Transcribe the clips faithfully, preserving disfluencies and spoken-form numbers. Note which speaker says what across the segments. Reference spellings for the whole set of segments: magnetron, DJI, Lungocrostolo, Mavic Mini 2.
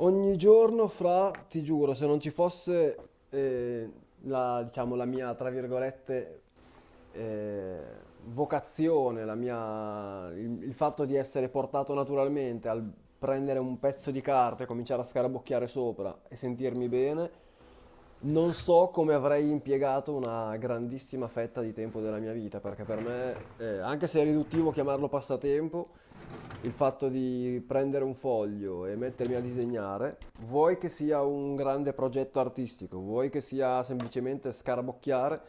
Speaker 1: Ogni giorno fra, ti giuro, se non ci fosse eh, la, diciamo, la mia, tra virgolette, eh, vocazione, la mia- il, il fatto di essere portato naturalmente al prendere un pezzo di carta e cominciare a scarabocchiare sopra e sentirmi bene, non so come avrei impiegato una grandissima fetta di tempo della mia vita, perché per me, eh, anche se è riduttivo chiamarlo passatempo, il fatto di prendere un foglio e mettermi a disegnare, vuoi che sia un grande progetto artistico, vuoi che sia semplicemente scarabocchiare,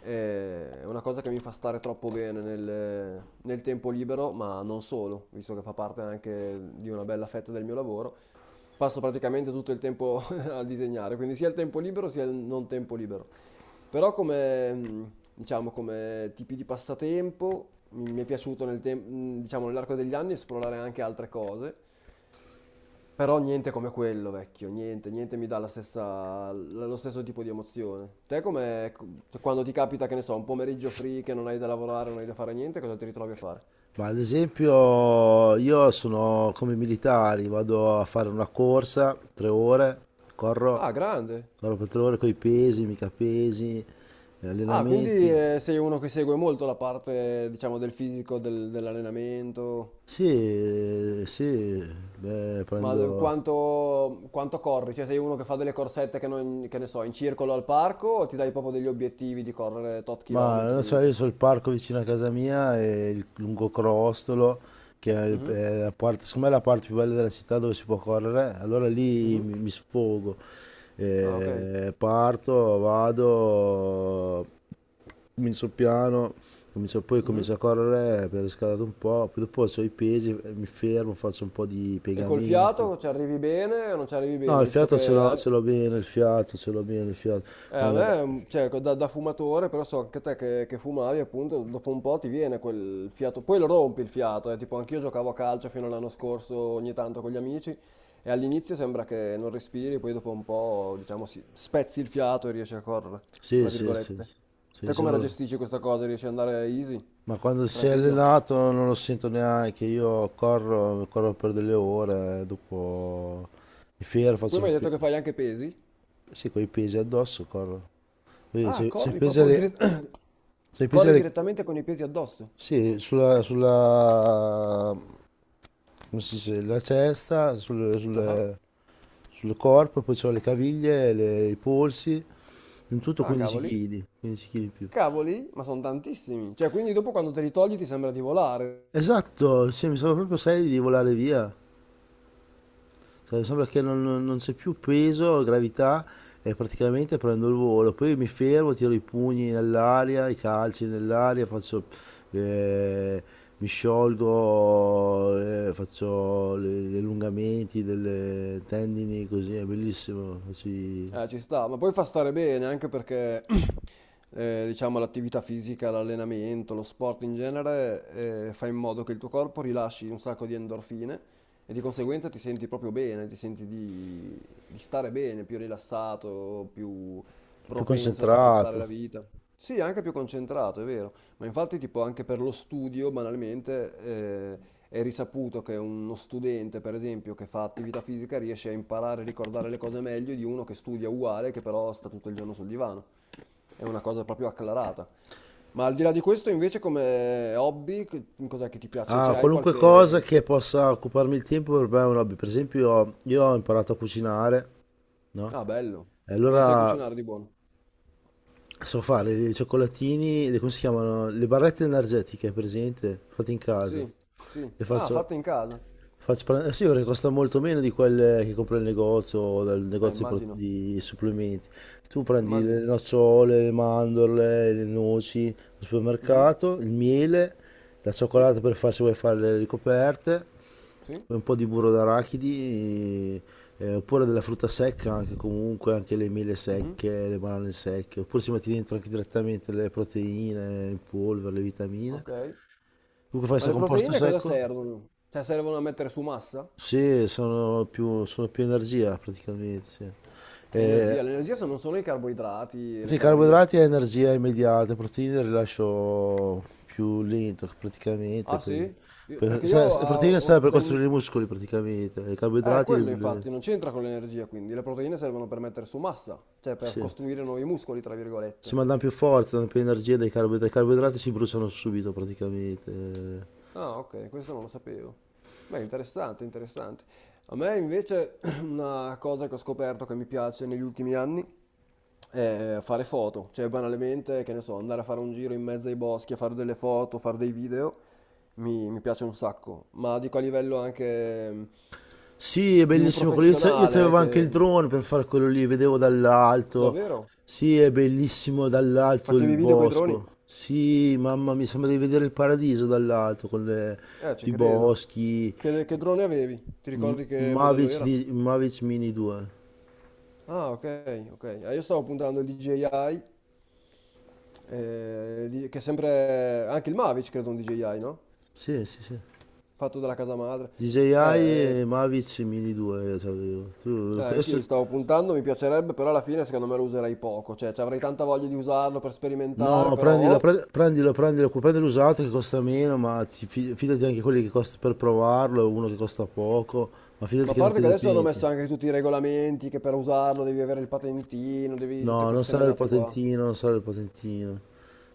Speaker 1: eh, è una cosa che mi fa stare troppo bene nel, nel tempo libero, ma non solo, visto che fa parte anche di una bella fetta del mio lavoro. Passo praticamente tutto il tempo a disegnare, quindi sia il tempo libero sia il non tempo libero. Però come, mh, diciamo, come tipi di passatempo mi mi è piaciuto nel tem- mh, diciamo, nell'arco degli anni esplorare anche altre cose, però niente come quello, vecchio, niente, niente mi dà la stessa, la- lo stesso tipo di emozione. Te come, ecco, cioè, quando ti capita, che ne so, un pomeriggio free che non hai da lavorare, non hai da fare niente, cosa ti ritrovi a fare?
Speaker 2: Ma ad esempio io sono come i militari, vado a fare una corsa, tre ore, corro,
Speaker 1: Ah, grande.
Speaker 2: corro per tre ore con i pesi, mica pesi, eh,
Speaker 1: Ah, quindi
Speaker 2: allenamenti.
Speaker 1: eh, sei uno che segue molto la parte, diciamo, del fisico, del- dell'allenamento.
Speaker 2: Sì, sì, beh,
Speaker 1: Ma d-
Speaker 2: prendo...
Speaker 1: quanto, quanto corri? Cioè sei uno che fa delle corsette che, non- che ne so, in circolo al parco o ti dai proprio degli obiettivi di correre tot
Speaker 2: Ma non lo so,
Speaker 1: chilometri?
Speaker 2: io
Speaker 1: Tot...
Speaker 2: sono il parco vicino a casa mia e il Lungocrostolo, che è, il-
Speaker 1: Mhm,
Speaker 2: è la parte, secondo me è la parte più bella della città dove si può correre, allora lì
Speaker 1: mhm.
Speaker 2: mi mi sfogo.
Speaker 1: Ah, ok.
Speaker 2: Eh, parto, vado, comincio piano, comincio- poi
Speaker 1: Mhm.
Speaker 2: comincio a correre per riscaldare un po', poi dopo ho i pesi, eh, mi fermo, faccio un po' di
Speaker 1: E col
Speaker 2: piegamenti.
Speaker 1: fiato ci arrivi bene o non ci arrivi
Speaker 2: No,
Speaker 1: bene,
Speaker 2: il
Speaker 1: visto
Speaker 2: fiato ce
Speaker 1: che...
Speaker 2: l'ho
Speaker 1: eh?
Speaker 2: ce l'ho bene, il fiato ce l'ho bene, il fiato.
Speaker 1: Eh, a
Speaker 2: Eh,
Speaker 1: me, mm, cioè, da, da fumatore, però so anche te che, che fumavi, appunto, dopo un po' ti viene quel fiato, poi lo rompi il fiato, eh, tipo anch'io giocavo a calcio fino all'anno scorso ogni tanto con gli amici e all'inizio sembra che non respiri, poi dopo un po', diciamo, si- spezzi il fiato e riesci a correre, tra
Speaker 2: sì, sì, sì,
Speaker 1: virgolette.
Speaker 2: sì, sì,
Speaker 1: Te
Speaker 2: se
Speaker 1: come la
Speaker 2: non-
Speaker 1: gestisci questa cosa? Riesci ad andare easy?
Speaker 2: ma quando sei
Speaker 1: Tranquillo?
Speaker 2: allenato non lo sento neanche, io corro, corro per delle ore, eh, dopo mi fermo,
Speaker 1: Poi mi
Speaker 2: faccio...
Speaker 1: hai detto
Speaker 2: pi-
Speaker 1: che fai anche pesi?
Speaker 2: sì, con i pesi addosso corro. Quindi
Speaker 1: Ah,
Speaker 2: se, se
Speaker 1: corri
Speaker 2: pesi
Speaker 1: proprio
Speaker 2: alle...
Speaker 1: dire-
Speaker 2: Se pesi
Speaker 1: corri
Speaker 2: alle...
Speaker 1: direttamente con i pesi addosso?
Speaker 2: Sì, sulla, sulla come si dice, la cesta sul,
Speaker 1: Ah,
Speaker 2: sul- sul corpo, poi c'ho le caviglie, le- i polsi, in tutto
Speaker 1: ah,
Speaker 2: 15
Speaker 1: cavoli.
Speaker 2: kg, quindici chili in più.
Speaker 1: Cavoli, ma sono tantissimi. Cioè, quindi dopo quando te li togli ti sembra di volare.
Speaker 2: Esatto, sì, mi sembra proprio serio di volare via. Cioè, sembra che non, non- non c'è più peso, gravità, e praticamente prendo il volo. Poi mi fermo, tiro i pugni nell'aria, i calci nell'aria, faccio, eh, mi sciolgo, eh, faccio le- gli allungamenti delle tendini, così è bellissimo, faccio i-
Speaker 1: Eh, ci sta, ma poi fa stare bene anche perché, eh, diciamo, l'attività fisica, l'allenamento, lo sport in genere, eh, fa in modo che il tuo corpo rilasci un sacco di endorfine e di conseguenza ti senti proprio bene, ti senti di, di stare bene, più rilassato, più
Speaker 2: più
Speaker 1: propenso ad apprezzare
Speaker 2: concentrato.
Speaker 1: la vita. Sì, anche più concentrato, è vero. Ma infatti, tipo, anche per lo studio, banalmente, eh, è risaputo che uno studente, per esempio, che fa attività fisica riesce a imparare e ricordare le cose meglio di uno che studia uguale, che però sta tutto il giorno sul divano. È una cosa proprio acclarata. Ma al di là di questo, invece, come hobby, che- cos'è che ti piace?
Speaker 2: Ah,
Speaker 1: Cioè, hai
Speaker 2: qualunque cosa
Speaker 1: qualche...
Speaker 2: che possa occuparmi il tempo per me è un hobby. Per esempio, io ho imparato a cucinare, no?
Speaker 1: Ah, bello.
Speaker 2: E
Speaker 1: Cosa sai
Speaker 2: allora
Speaker 1: cucinare di buono?
Speaker 2: so fare i cioccolatini, le, come si chiamano? Le barrette energetiche, presente? Fatte in casa.
Speaker 1: Sì, sì.
Speaker 2: Le
Speaker 1: Ah,
Speaker 2: faccio.
Speaker 1: fatta in casa.
Speaker 2: Faccio pare- eh sì, perché costa molto meno di quelle che compri al negozio o dal
Speaker 1: Eh,
Speaker 2: negozio di, pro-
Speaker 1: immagino,
Speaker 2: di supplementi. Tu prendi le
Speaker 1: immagino.
Speaker 2: nocciole, le mandorle, le noci al
Speaker 1: Mhm,
Speaker 2: supermercato, il miele, la
Speaker 1: sì,
Speaker 2: cioccolata per fare se vuoi fare le ricoperte,
Speaker 1: sì.
Speaker 2: poi un po' di burro d'arachidi, eh, oppure della frutta secca anche comunque, anche le mele
Speaker 1: Mhm,
Speaker 2: secche, le banane secche, oppure ci metti dentro anche direttamente le proteine in polvere, le vitamine.
Speaker 1: ok.
Speaker 2: Comunque fai
Speaker 1: Ma
Speaker 2: questo
Speaker 1: le
Speaker 2: composto
Speaker 1: proteine cosa
Speaker 2: secco.
Speaker 1: servono? Cioè, servono a mettere su massa?
Speaker 2: Sì, sono più, sono più energia praticamente, sì. Eh,
Speaker 1: Energia, l'energia sono solo i carboidrati e le
Speaker 2: sì,
Speaker 1: calorie.
Speaker 2: carboidrati è energia immediata, proteine il rilascio più lento praticamente,
Speaker 1: Ah
Speaker 2: poi,
Speaker 1: sì? Io-
Speaker 2: per,
Speaker 1: Perché
Speaker 2: sa-
Speaker 1: io...
Speaker 2: sa-
Speaker 1: ah,
Speaker 2: proteine serve
Speaker 1: ho-
Speaker 2: per
Speaker 1: dai-
Speaker 2: costruire i muscoli praticamente, i
Speaker 1: Eh,
Speaker 2: carboidrati li,
Speaker 1: quello
Speaker 2: li-
Speaker 1: infatti, non c'entra con l'energia, quindi le proteine servono per mettere su massa, cioè per
Speaker 2: sì,
Speaker 1: costruire nuovi muscoli, tra
Speaker 2: si
Speaker 1: virgolette.
Speaker 2: mandano più forza, danno più energia dai carboidrati, i carboidrati si bruciano subito praticamente, eh.
Speaker 1: Ah, ok, questo non lo sapevo. Beh, interessante, interessante. A me invece una cosa che ho scoperto che mi piace negli ultimi anni è fare foto, cioè banalmente, che ne so, andare a fare un giro in mezzo ai boschi a fare delle foto, fare dei video. mi, mi piace un sacco, ma dico a livello anche mh,
Speaker 2: Sì, è
Speaker 1: più
Speaker 2: bellissimo quello. Io, sa- io
Speaker 1: professionale,
Speaker 2: sapevo anche
Speaker 1: che...
Speaker 2: il drone per fare quello lì, vedevo dall'alto.
Speaker 1: Davvero?
Speaker 2: Sì, è bellissimo dall'alto il
Speaker 1: Facevi video coi droni?
Speaker 2: bosco. Sì, mamma mia, sembra di vedere il paradiso dall'alto con le-
Speaker 1: Eh, ci
Speaker 2: i
Speaker 1: credo.
Speaker 2: boschi.
Speaker 1: Che, che drone avevi? Ti
Speaker 2: M-
Speaker 1: ricordi che modello
Speaker 2: Mavic,
Speaker 1: era?
Speaker 2: di- Mavic Mini due.
Speaker 1: Ah, ok, ok. Eh, io stavo puntando il D J I, eh, di- che è sempre... Anche il Mavic, credo, un D J I, no?
Speaker 2: Sì, sì, sì.
Speaker 1: Fatto dalla casa madre. Eh,
Speaker 2: D J I
Speaker 1: eh,
Speaker 2: e Mavic Mini due io sapevo.
Speaker 1: eh,
Speaker 2: Tu,
Speaker 1: Anch'io
Speaker 2: adesso,
Speaker 1: li stavo puntando, mi piacerebbe, però alla fine secondo me lo userei poco, cioè ci avrei tanta voglia di usarlo per sperimentare,
Speaker 2: no,
Speaker 1: però...
Speaker 2: prendilo,
Speaker 1: oh,
Speaker 2: pre- prendilo, prendilo, cu- prendi l'usato che costa meno, ma ti fi- fidati anche quelli che costa per provarlo, uno che costa poco, ma
Speaker 1: ma
Speaker 2: fidati
Speaker 1: a
Speaker 2: che non
Speaker 1: parte
Speaker 2: te
Speaker 1: che
Speaker 2: ne
Speaker 1: adesso hanno messo
Speaker 2: penti.
Speaker 1: anche tutti i regolamenti, che per usarlo devi avere il patentino, devi tutte
Speaker 2: No, non
Speaker 1: queste
Speaker 2: sarà il
Speaker 1: menate qua.
Speaker 2: patentino, non sarà il patentino.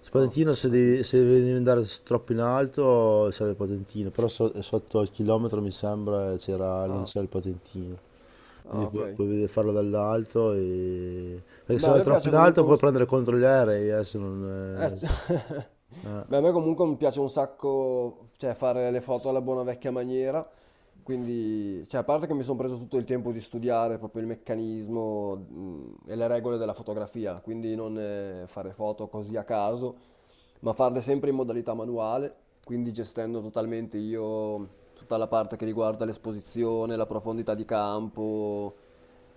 Speaker 2: Il
Speaker 1: Ah,
Speaker 2: patentino
Speaker 1: ho
Speaker 2: se devi,
Speaker 1: capito.
Speaker 2: se devi andare s- troppo in alto sarà il patentino, però so- sotto il chilometro mi sembra c'era, non
Speaker 1: Ah,
Speaker 2: c'è il patentino.
Speaker 1: ah,
Speaker 2: Quindi
Speaker 1: ok.
Speaker 2: puoi, puoi vedere- farlo dall'alto e... Perché
Speaker 1: Beh,
Speaker 2: se
Speaker 1: a
Speaker 2: vai
Speaker 1: me
Speaker 2: troppo
Speaker 1: piace
Speaker 2: in alto
Speaker 1: comunque
Speaker 2: puoi
Speaker 1: un...
Speaker 2: prendere contro gli aerei, eh, se
Speaker 1: Eh,
Speaker 2: non... eh,
Speaker 1: beh, a
Speaker 2: eh.
Speaker 1: me comunque mi piace un sacco, cioè, fare le foto alla buona vecchia maniera, quindi, cioè, a parte che mi sono preso tutto il tempo di studiare proprio il meccanismo, mh, e le regole della fotografia, quindi non eh, fare foto così a caso, ma farle sempre in modalità manuale, quindi gestendo totalmente io tutta la parte che riguarda l'esposizione, la profondità di campo,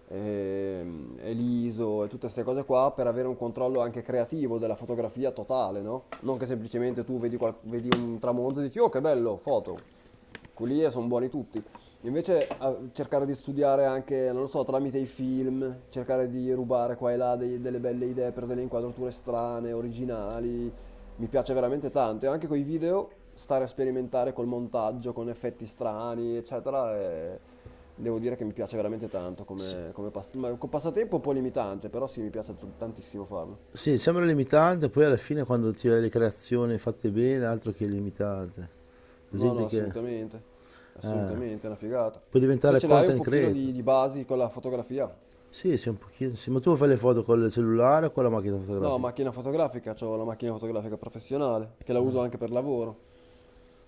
Speaker 1: ehm, e l'ISO e tutte queste cose qua per avere un controllo anche creativo della fotografia totale, no? Non che semplicemente tu vedi, qual- vedi un tramonto e dici, oh che bello, foto quelli lì sono buoni tutti. Invece a- cercare di studiare anche, non lo so, tramite i film, cercare di rubare qua e là dei- delle belle idee per delle inquadrature strane, originali, mi piace veramente tanto. E anche con i video, stare a sperimentare col montaggio, con effetti strani, eccetera, e devo dire che mi piace veramente tanto come, come pas- ma- con passatempo un po' limitante, però sì, mi piace t- tantissimo farlo.
Speaker 2: Sì, sembra limitante, poi alla fine quando ti vedi le creazioni fatte bene, altro che limitante. La
Speaker 1: No, no,
Speaker 2: gente che...
Speaker 1: assolutamente,
Speaker 2: eh,
Speaker 1: assolutamente, è una figata.
Speaker 2: puoi
Speaker 1: Te
Speaker 2: diventare
Speaker 1: ce l'hai un
Speaker 2: content
Speaker 1: pochino di
Speaker 2: creator.
Speaker 1: di basi con la fotografia?
Speaker 2: Sì, sì, un pochino, sì. Ma tu fai le foto con il cellulare o con la macchina
Speaker 1: No,
Speaker 2: fotografica?
Speaker 1: macchina fotografica, ho la macchina fotografica professionale, che la uso anche per lavoro.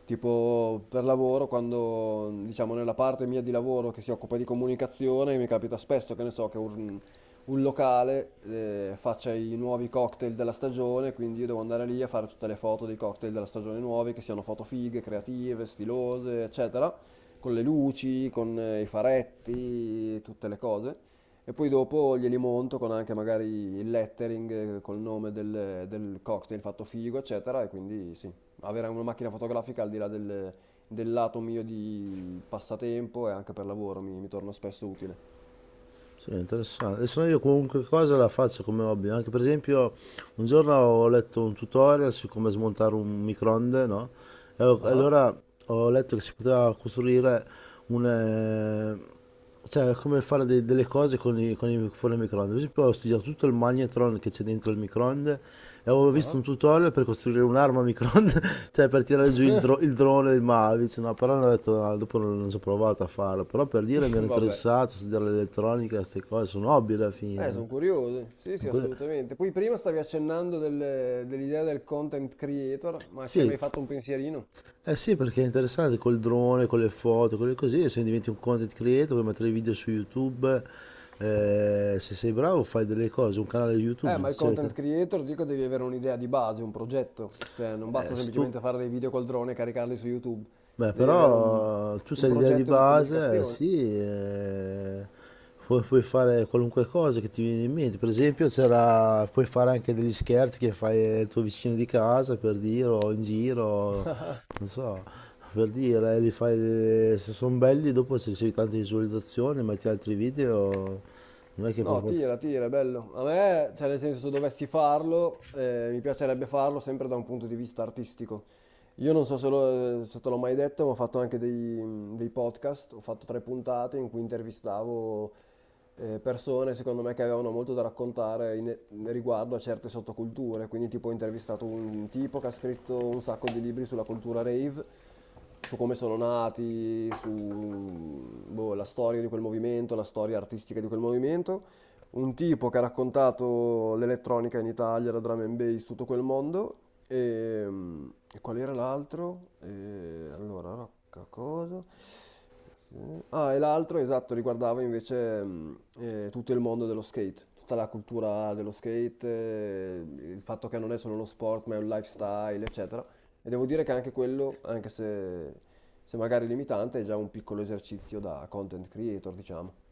Speaker 1: Tipo per lavoro, quando diciamo nella parte mia di lavoro che si occupa di comunicazione, mi capita spesso che ne so che un, un, locale eh, faccia i nuovi cocktail della stagione, quindi io devo andare lì a fare tutte le foto dei cocktail della stagione nuovi, che siano foto fighe, creative, stilose, eccetera, con le luci, con eh, i faretti, tutte le cose. E poi dopo glieli monto con anche magari il lettering eh, col nome del, del cocktail fatto figo, eccetera, e quindi sì avere una macchina fotografica al di là del, del lato mio di passatempo e anche per lavoro mi, mi torna spesso utile.
Speaker 2: Sì, interessante. Adesso io qualunque cosa la faccio come hobby. Anche per esempio, un giorno ho letto un tutorial su come smontare un microonde, no? E ho-
Speaker 1: Ah,
Speaker 2: allora ho letto che si poteva costruire un... eh, cioè, come fare de- delle cose con i, con i fuori il microonde. Per esempio, ho studiato tutto il magnetron che c'è dentro il microonde e avevo visto
Speaker 1: ah,
Speaker 2: un tutorial per costruire un'arma a microonde, cioè per tirare giù il, dro- il drone del Mavic. No, però non ho detto, no, dopo non, non ci ho provato a farlo. Però per dire mi ero
Speaker 1: vabbè.
Speaker 2: interessato a studiare l'elettronica, queste cose sono hobby alla
Speaker 1: Eh,
Speaker 2: fine.
Speaker 1: sono curioso. Sì, sì,
Speaker 2: Con quelle-
Speaker 1: assolutamente. Poi prima stavi accennando del- dell'idea del content creator, ma ci hai
Speaker 2: Sì,
Speaker 1: mai fatto un pensierino?
Speaker 2: eh sì, perché è interessante col drone, con le foto, con le cose. Se diventi un content creator, puoi mettere video su YouTube. Eh, se sei bravo, fai delle cose, un canale
Speaker 1: Eh,
Speaker 2: YouTube,
Speaker 1: ma il
Speaker 2: eccetera.
Speaker 1: content creator, dico, devi avere un'idea di base, un progetto. Cioè, non basta
Speaker 2: Eh, se tu
Speaker 1: semplicemente fare dei video col drone e caricarli su YouTube.
Speaker 2: Beh,
Speaker 1: Devi avere un
Speaker 2: però tu
Speaker 1: un
Speaker 2: sai l'idea di
Speaker 1: progetto di
Speaker 2: base, eh,
Speaker 1: comunicazione.
Speaker 2: sì, eh, pu- puoi fare qualunque cosa che ti viene in mente. Per esempio, c'era- puoi fare anche degli scherzi che fai al tuo vicino di casa, per dire, o in giro, non so, per dire, eh, li fai, se sono belli, dopo se ricevi tante visualizzazioni, metti altri video, non è che per
Speaker 1: No, tira,
Speaker 2: forza...
Speaker 1: tira, è bello. A me, cioè, nel senso, se dovessi farlo, eh, mi piacerebbe farlo sempre da un punto di vista artistico. Io non so se, lo- se te l'ho mai detto, ma ho fatto anche dei, dei podcast, ho fatto tre puntate in cui intervistavo eh, persone, secondo me, che avevano molto da raccontare in- riguardo a certe sottoculture. Quindi, tipo, ho intervistato un tipo che ha scritto un sacco di libri sulla cultura rave, su come sono nati, su boh, la storia di quel movimento, la storia artistica di quel movimento un tipo che ha raccontato l'elettronica in Italia, la drum and bass, tutto quel mondo. E, mm, e qual era l'altro? E, allora, rocca cosa? Eh, Ah, e l'altro, esatto, riguardava invece mm, eh, tutto il mondo dello skate, tutta la cultura dello skate, eh, il fatto che non è solo uno sport, ma è un lifestyle, eccetera. E devo dire che anche quello, anche se, se magari limitante, è già un piccolo esercizio da content creator, diciamo.